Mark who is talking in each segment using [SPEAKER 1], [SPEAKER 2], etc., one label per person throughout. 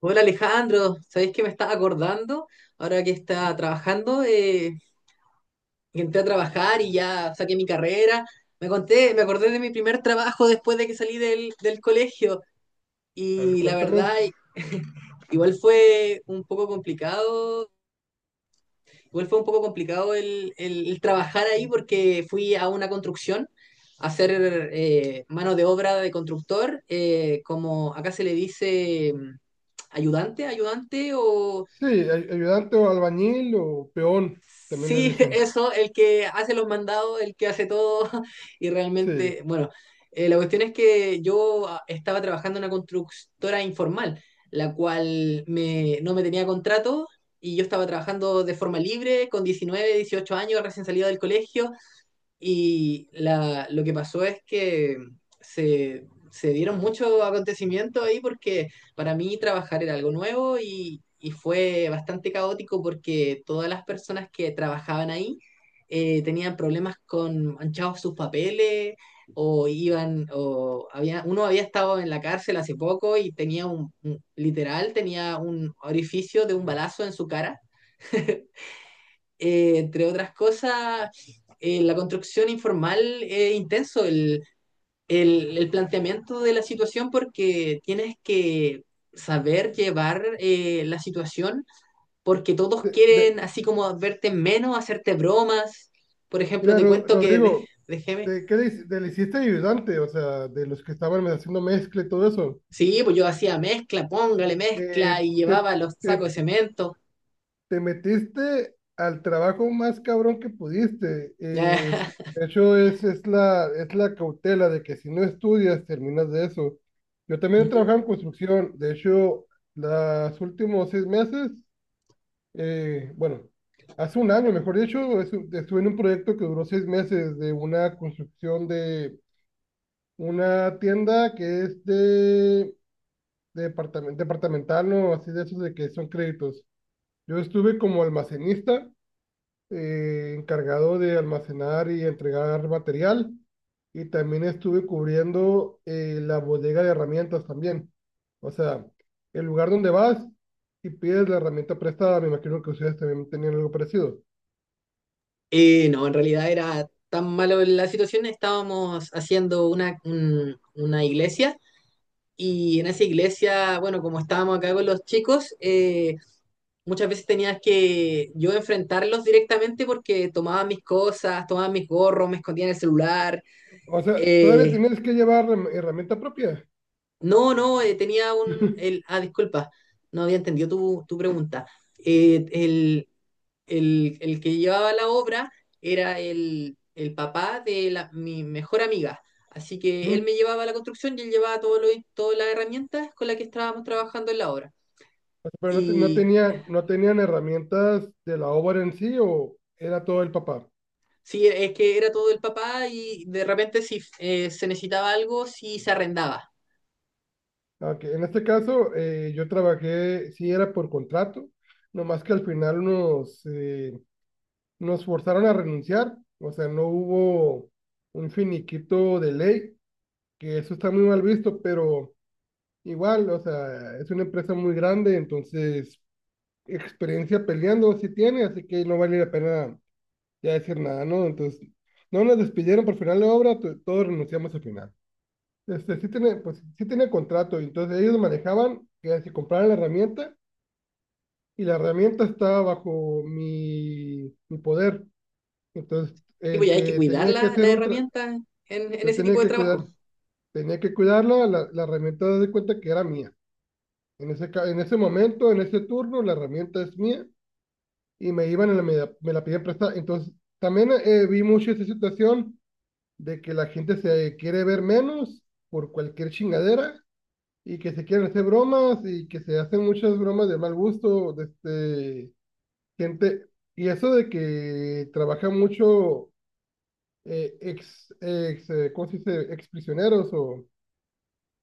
[SPEAKER 1] Hola Alejandro, ¿sabéis que me estaba acordando? Ahora que está trabajando, que entré a trabajar y ya saqué mi carrera. Me acordé de mi primer trabajo después de que salí del colegio
[SPEAKER 2] A ver,
[SPEAKER 1] y la verdad,
[SPEAKER 2] cuéntame.
[SPEAKER 1] igual fue un poco complicado. Igual fue un poco complicado el trabajar ahí porque fui a una construcción a hacer mano de obra de constructor, como acá se le dice ayudante, ayudante o
[SPEAKER 2] Sí, ayudante o albañil o peón, también le
[SPEAKER 1] sí,
[SPEAKER 2] dicen.
[SPEAKER 1] eso, el que hace los mandados, el que hace todo, y realmente,
[SPEAKER 2] Sí.
[SPEAKER 1] bueno, la cuestión es que yo, estaba trabajando en una constructora informal, la cual no me tenía contrato y yo estaba trabajando de forma libre, con 19, 18 años, recién salido del colegio, y lo que pasó es que se dieron muchos acontecimientos ahí porque para mí trabajar era algo nuevo y fue bastante caótico porque todas las personas que trabajaban ahí, tenían problemas con manchados sus papeles, o iban, o había uno, había estado en la cárcel hace poco y tenía literal tenía un orificio de un balazo en su cara. Entre otras cosas, la construcción informal es intenso, el planteamiento de la situación, porque tienes que saber llevar la situación, porque todos
[SPEAKER 2] De,
[SPEAKER 1] quieren
[SPEAKER 2] de-
[SPEAKER 1] así como verte menos, hacerte bromas. Por ejemplo,
[SPEAKER 2] Mira,
[SPEAKER 1] te cuento
[SPEAKER 2] Rodrigo,
[SPEAKER 1] déjeme.
[SPEAKER 2] ¿de le hiciste ayudante? O sea, de los que estaban haciendo mezcla y todo eso.
[SPEAKER 1] Sí, pues yo hacía mezcla, póngale mezcla
[SPEAKER 2] Eh,
[SPEAKER 1] y
[SPEAKER 2] te,
[SPEAKER 1] llevaba los sacos
[SPEAKER 2] te,
[SPEAKER 1] de cemento.
[SPEAKER 2] te metiste al trabajo más cabrón que pudiste. De hecho, es la cautela de que si no estudias, terminas de eso. Yo también he
[SPEAKER 1] Ujú.
[SPEAKER 2] trabajado en construcción. De hecho, los últimos 6 meses. eh, bueno, Hace un año, mejor dicho, estuve en un proyecto que duró 6 meses de una construcción de una tienda que es de departamental, ¿no? Así de esos de que son créditos. Yo estuve como almacenista, encargado de almacenar y entregar material, y también estuve cubriendo la bodega de herramientas también. O sea, el lugar donde vas y pides la herramienta prestada, me imagino que ustedes también tenían algo parecido.
[SPEAKER 1] No, en realidad era tan malo la situación, estábamos haciendo una iglesia y en esa iglesia, bueno, como estábamos acá con los chicos, muchas veces tenías que yo enfrentarlos directamente porque tomaban mis cosas, tomaban mis gorros, me escondían el celular.
[SPEAKER 2] O sea, todavía
[SPEAKER 1] Eh,
[SPEAKER 2] tenías que llevar herramienta propia.
[SPEAKER 1] no, no, tenía un... disculpa, no había entendido tu pregunta. Eh, el, el que llevaba la obra era el papá de mi mejor amiga. Así que él me
[SPEAKER 2] Mm.
[SPEAKER 1] llevaba a la construcción y él llevaba todas las herramientas con las que estábamos trabajando en la obra.
[SPEAKER 2] O sea, pero no,
[SPEAKER 1] Y
[SPEAKER 2] no tenían herramientas de la obra en sí o era todo el papá.
[SPEAKER 1] sí, es que era todo el papá y de repente si, se necesitaba algo, si se arrendaba.
[SPEAKER 2] Aunque en este caso yo trabajé, sí era por contrato, nomás que al final nos forzaron a renunciar. O sea, no hubo un finiquito de ley, que eso está muy mal visto, pero igual, o sea, es una empresa muy grande, entonces experiencia peleando sí tiene, así que no vale la pena ya decir nada, ¿no? Entonces, no nos despidieron por final de obra, todos renunciamos al final. Este, sí tiene, pues, sí tiene contrato, y entonces ellos manejaban que si compraran la herramienta y la herramienta estaba bajo mi poder. Entonces,
[SPEAKER 1] Tipo,
[SPEAKER 2] el
[SPEAKER 1] ya hay que
[SPEAKER 2] que
[SPEAKER 1] cuidar
[SPEAKER 2] tenía que
[SPEAKER 1] la
[SPEAKER 2] hacer un...
[SPEAKER 1] herramienta en
[SPEAKER 2] Yo
[SPEAKER 1] ese
[SPEAKER 2] tenía
[SPEAKER 1] tipo de
[SPEAKER 2] que
[SPEAKER 1] trabajo.
[SPEAKER 2] cuidar, tenía que cuidarla, la herramienta de cuenta que era mía. En ese en ese momento, en ese turno, la herramienta es mía y me iban y me la pidían prestada. Entonces, también vi mucho esa situación de que la gente se quiere ver menos por cualquier chingadera y que se quieren hacer bromas y que se hacen muchas bromas de mal gusto, de este, gente. Y eso de que trabaja mucho ex, ex ¿cómo se dice? Ex prisioneros o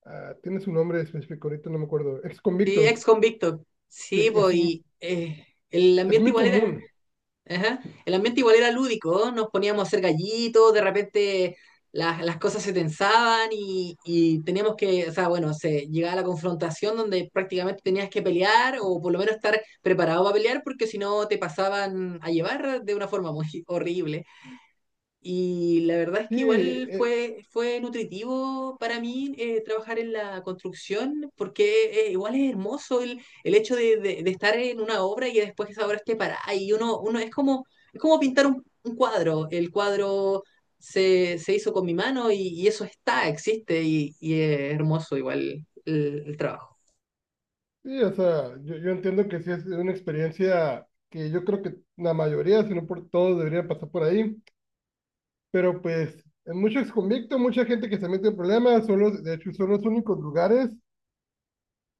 [SPEAKER 2] ah, tiene su nombre específico, ahorita no me acuerdo, ex
[SPEAKER 1] Sí, ex
[SPEAKER 2] convictos.
[SPEAKER 1] convicto. Sí,
[SPEAKER 2] Sí,
[SPEAKER 1] pues, y el
[SPEAKER 2] es
[SPEAKER 1] ambiente
[SPEAKER 2] muy
[SPEAKER 1] igual era...
[SPEAKER 2] común.
[SPEAKER 1] Ajá. El ambiente igual era lúdico, ¿no? Nos poníamos a hacer gallitos, de repente las cosas se tensaban y teníamos que, o sea, bueno, se llegaba a la confrontación donde prácticamente tenías que pelear o por lo menos estar preparado para pelear porque si no te pasaban a llevar de una forma muy horrible. Y la verdad es
[SPEAKER 2] Sí,
[SPEAKER 1] que igual
[SPEAKER 2] e-
[SPEAKER 1] fue, fue nutritivo para mí, trabajar en la construcción, porque igual es hermoso el hecho de estar en una obra y que después esa obra esté parada. Y uno es como pintar un cuadro. El cuadro se hizo con mi mano y eso está, existe y es hermoso igual el trabajo.
[SPEAKER 2] Sí, o sea, yo entiendo que sí es una experiencia que yo creo que la mayoría, si no por todos, deberían pasar por ahí, pero pues en muchos exconvictos, mucha gente que se mete en problemas, son los, de hecho son los únicos lugares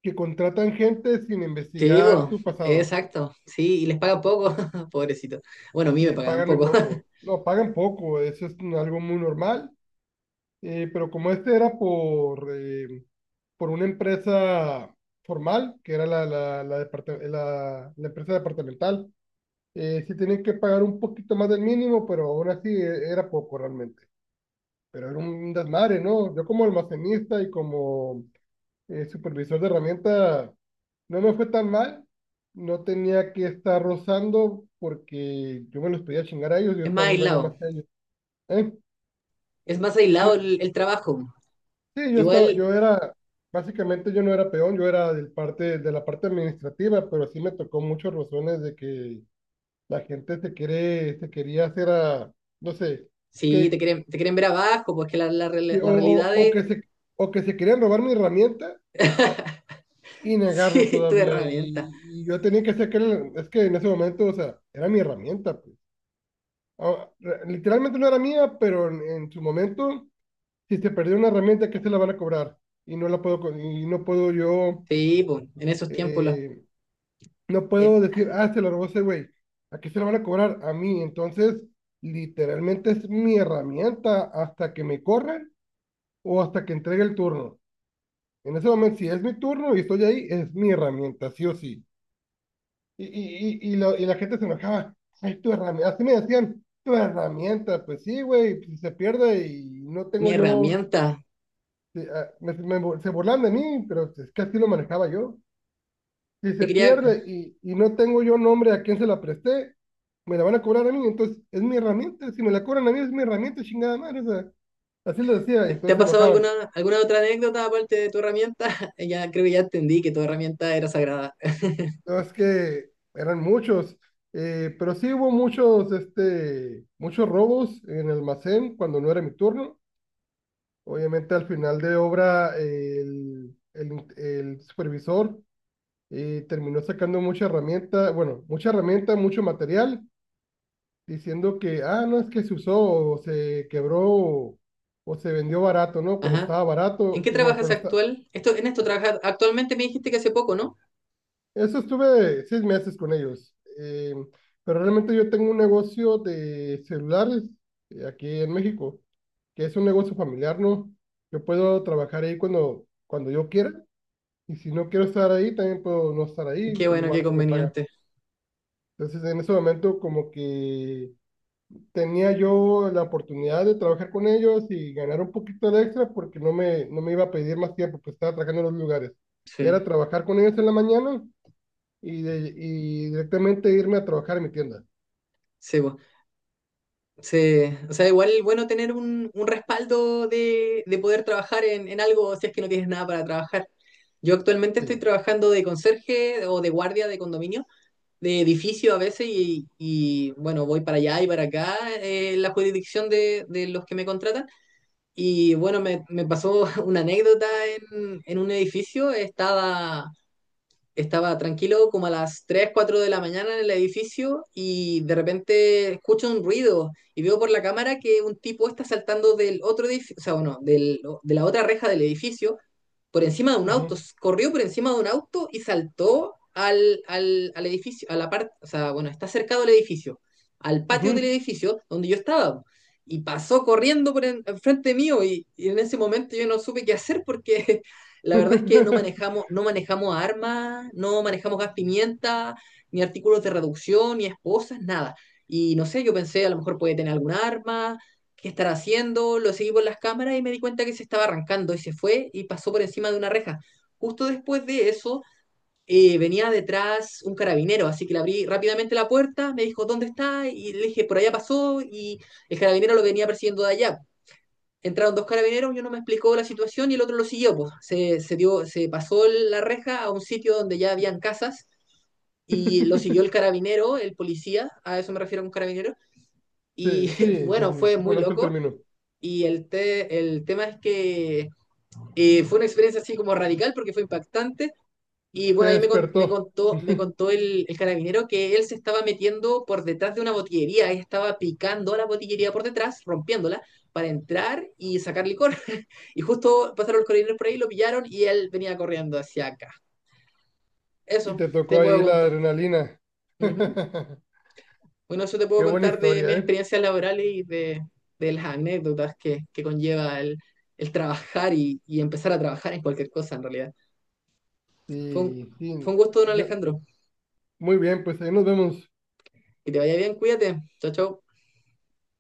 [SPEAKER 2] que contratan gente sin
[SPEAKER 1] Sí,
[SPEAKER 2] investigar
[SPEAKER 1] po,
[SPEAKER 2] tu pasado,
[SPEAKER 1] exacto. Sí, y les pagan poco, pobrecito. Bueno, a mí me
[SPEAKER 2] y
[SPEAKER 1] pagaban
[SPEAKER 2] pagan muy
[SPEAKER 1] poco.
[SPEAKER 2] poco, no, pagan poco, eso es algo muy normal, eh, pero como este era por una empresa formal, que era la empresa departamental. Sí tenían que pagar un poquito más del mínimo, pero aún así era poco realmente. Pero era un desmadre, ¿no? Yo como almacenista y como supervisor de herramienta no me fue tan mal. No tenía que estar rozando porque yo me los podía chingar a ellos, yo
[SPEAKER 1] Es más
[SPEAKER 2] estaba un rango
[SPEAKER 1] aislado.
[SPEAKER 2] más que ellos. ¿Eh?
[SPEAKER 1] Es más
[SPEAKER 2] Yo-
[SPEAKER 1] aislado el trabajo.
[SPEAKER 2] sí, yo estaba,
[SPEAKER 1] Igual,
[SPEAKER 2] yo era, básicamente yo no era peón, yo era de la parte administrativa, pero sí me tocó muchos rozones de que la gente se quiere, se quería hacer a, no sé
[SPEAKER 1] sí,
[SPEAKER 2] que.
[SPEAKER 1] te quieren ver abajo, pues que
[SPEAKER 2] Sí,
[SPEAKER 1] real- la realidad
[SPEAKER 2] O
[SPEAKER 1] es...
[SPEAKER 2] que o que se querían robar mi herramienta y negarlo
[SPEAKER 1] Sí, tu
[SPEAKER 2] todavía.
[SPEAKER 1] herramienta.
[SPEAKER 2] Y yo tenía que sacar, es que en ese momento, o sea, era mi herramienta, pues. Ah, literalmente no era mía, pero en su momento, si se perdió una herramienta, ¿qué se la van a cobrar? Y no la puedo, y no puedo yo,
[SPEAKER 1] Sí, pues, en esos tiempos,
[SPEAKER 2] eh, no
[SPEAKER 1] eh,
[SPEAKER 2] puedo decir, ah, se la robó ese güey. ¿A qué se la van a cobrar? A mí. Entonces, literalmente es mi herramienta hasta que me corran o hasta que entregue el turno. En ese momento, si es mi turno y estoy ahí, es mi herramienta, sí o sí. Y la gente se enojaba. Ay, tu herramienta. Así me decían, tu herramienta. Pues sí, güey, si se pierde y no
[SPEAKER 1] mi
[SPEAKER 2] tengo yo.
[SPEAKER 1] herramienta.
[SPEAKER 2] Sí, ah, se burlan de mí, pero es que así lo manejaba yo. Si
[SPEAKER 1] Te
[SPEAKER 2] se
[SPEAKER 1] quería,
[SPEAKER 2] pierde y no tengo yo nombre a quién se la presté, me la van a cobrar a mí. Entonces, es mi herramienta. Si me la cobran a mí, es mi herramienta, chingada madre. O sea, así les decía.
[SPEAKER 1] ¿te, te
[SPEAKER 2] Entonces
[SPEAKER 1] ha
[SPEAKER 2] se
[SPEAKER 1] pasado
[SPEAKER 2] enojaban.
[SPEAKER 1] alguna, alguna otra anécdota aparte de tu herramienta? Ya creo que ya entendí que tu herramienta era sagrada.
[SPEAKER 2] No, es que eran muchos, pero sí hubo muchos, este, muchos robos en el almacén cuando no era mi turno. Obviamente al final de obra el supervisor terminó sacando mucha herramienta, bueno, mucha herramienta, mucho material, diciendo que, ah, no es que se usó o se quebró o se vendió barato, ¿no? Cuando
[SPEAKER 1] Ajá.
[SPEAKER 2] estaba
[SPEAKER 1] ¿En
[SPEAKER 2] barato,
[SPEAKER 1] qué
[SPEAKER 2] y bueno,
[SPEAKER 1] trabajas
[SPEAKER 2] cuando, está-
[SPEAKER 1] actual? Esto, en esto trabajas actualmente me dijiste que hace poco, ¿no?
[SPEAKER 2] eso estuve 6 meses con ellos, pero realmente yo tengo un negocio de celulares aquí en México, que es un negocio familiar, ¿no? Yo puedo trabajar ahí cuando yo quiera y si no quiero estar ahí, también puedo no estar ahí,
[SPEAKER 1] Qué bueno, qué
[SPEAKER 2] igual se me paga.
[SPEAKER 1] conveniente.
[SPEAKER 2] Entonces en ese momento como que tenía yo la oportunidad de trabajar con ellos y ganar un poquito de extra porque no no me iba a pedir más tiempo, pues estaba trabajando en los lugares.
[SPEAKER 1] Sí,
[SPEAKER 2] Era trabajar con ellos en la mañana y directamente irme a trabajar en mi tienda.
[SPEAKER 1] sí, po. Sí, o sea, igual bueno tener un respaldo de poder trabajar en algo si es que no tienes nada para trabajar. Yo actualmente estoy
[SPEAKER 2] Sí.
[SPEAKER 1] trabajando de conserje o de guardia de condominio, de edificio a veces, y, bueno, voy para allá y para acá, en la jurisdicción de los que me contratan. Y bueno, me pasó una anécdota en un edificio, estaba tranquilo como a las 3 4 de la mañana en el edificio y de repente escucho un ruido y veo por la cámara que un tipo está saltando del otro edificio, o sea, bueno, de la otra reja del edificio, por encima de un auto,
[SPEAKER 2] Ujú,
[SPEAKER 1] corrió por encima de un auto y saltó al edificio, a la parte, o sea, bueno, está cercado al edificio, al patio del
[SPEAKER 2] ujú.
[SPEAKER 1] edificio donde yo estaba. Y pasó corriendo por enfrente mío y, en ese momento yo no supe qué hacer porque la verdad es que no manejamos, no manejamos armas, no manejamos gas pimienta, ni artículos de reducción, ni esposas, nada. Y no sé, yo pensé, a lo mejor puede tener algún arma, qué estará haciendo, lo seguí por las cámaras y me di cuenta que se estaba arrancando y se fue y pasó por encima de una reja. Justo después de eso, venía detrás un carabinero, así que le abrí rápidamente la puerta, me dijo, ¿dónde está? Y le dije, por allá pasó y el carabinero lo venía persiguiendo de allá. Entraron dos carabineros, uno me explicó la situación y el otro lo siguió. Pues se dio, se pasó la reja a un sitio donde ya habían casas y lo siguió el carabinero, el policía, a eso me refiero con carabinero. Y
[SPEAKER 2] Sí, sí, sí,
[SPEAKER 1] bueno,
[SPEAKER 2] sí,
[SPEAKER 1] fue
[SPEAKER 2] sí,
[SPEAKER 1] muy
[SPEAKER 2] conozco el
[SPEAKER 1] loco
[SPEAKER 2] término.
[SPEAKER 1] y el tema es que, fue una experiencia así como radical porque fue impactante. Y
[SPEAKER 2] Te
[SPEAKER 1] bueno, ahí
[SPEAKER 2] despertó
[SPEAKER 1] me contó el carabinero que él se estaba metiendo por detrás de una botillería, él estaba picando la botillería por detrás, rompiéndola, para entrar y sacar licor. Y justo pasaron los carabineros por ahí, lo pillaron y él venía corriendo hacia acá.
[SPEAKER 2] y
[SPEAKER 1] Eso
[SPEAKER 2] te
[SPEAKER 1] te
[SPEAKER 2] tocó ahí
[SPEAKER 1] puedo
[SPEAKER 2] la
[SPEAKER 1] contar.
[SPEAKER 2] adrenalina.
[SPEAKER 1] Ujú. Bueno, eso te puedo
[SPEAKER 2] Qué buena
[SPEAKER 1] contar de mis
[SPEAKER 2] historia, ¿eh?
[SPEAKER 1] experiencias laborales y de las anécdotas que conlleva el trabajar y empezar a trabajar en cualquier cosa, en realidad. Fue un,
[SPEAKER 2] Sí,
[SPEAKER 1] fue
[SPEAKER 2] sí.
[SPEAKER 1] un gusto, don
[SPEAKER 2] Yo,
[SPEAKER 1] Alejandro.
[SPEAKER 2] muy bien, pues ahí nos vemos.
[SPEAKER 1] Que te vaya bien, cuídate. Chao, chao.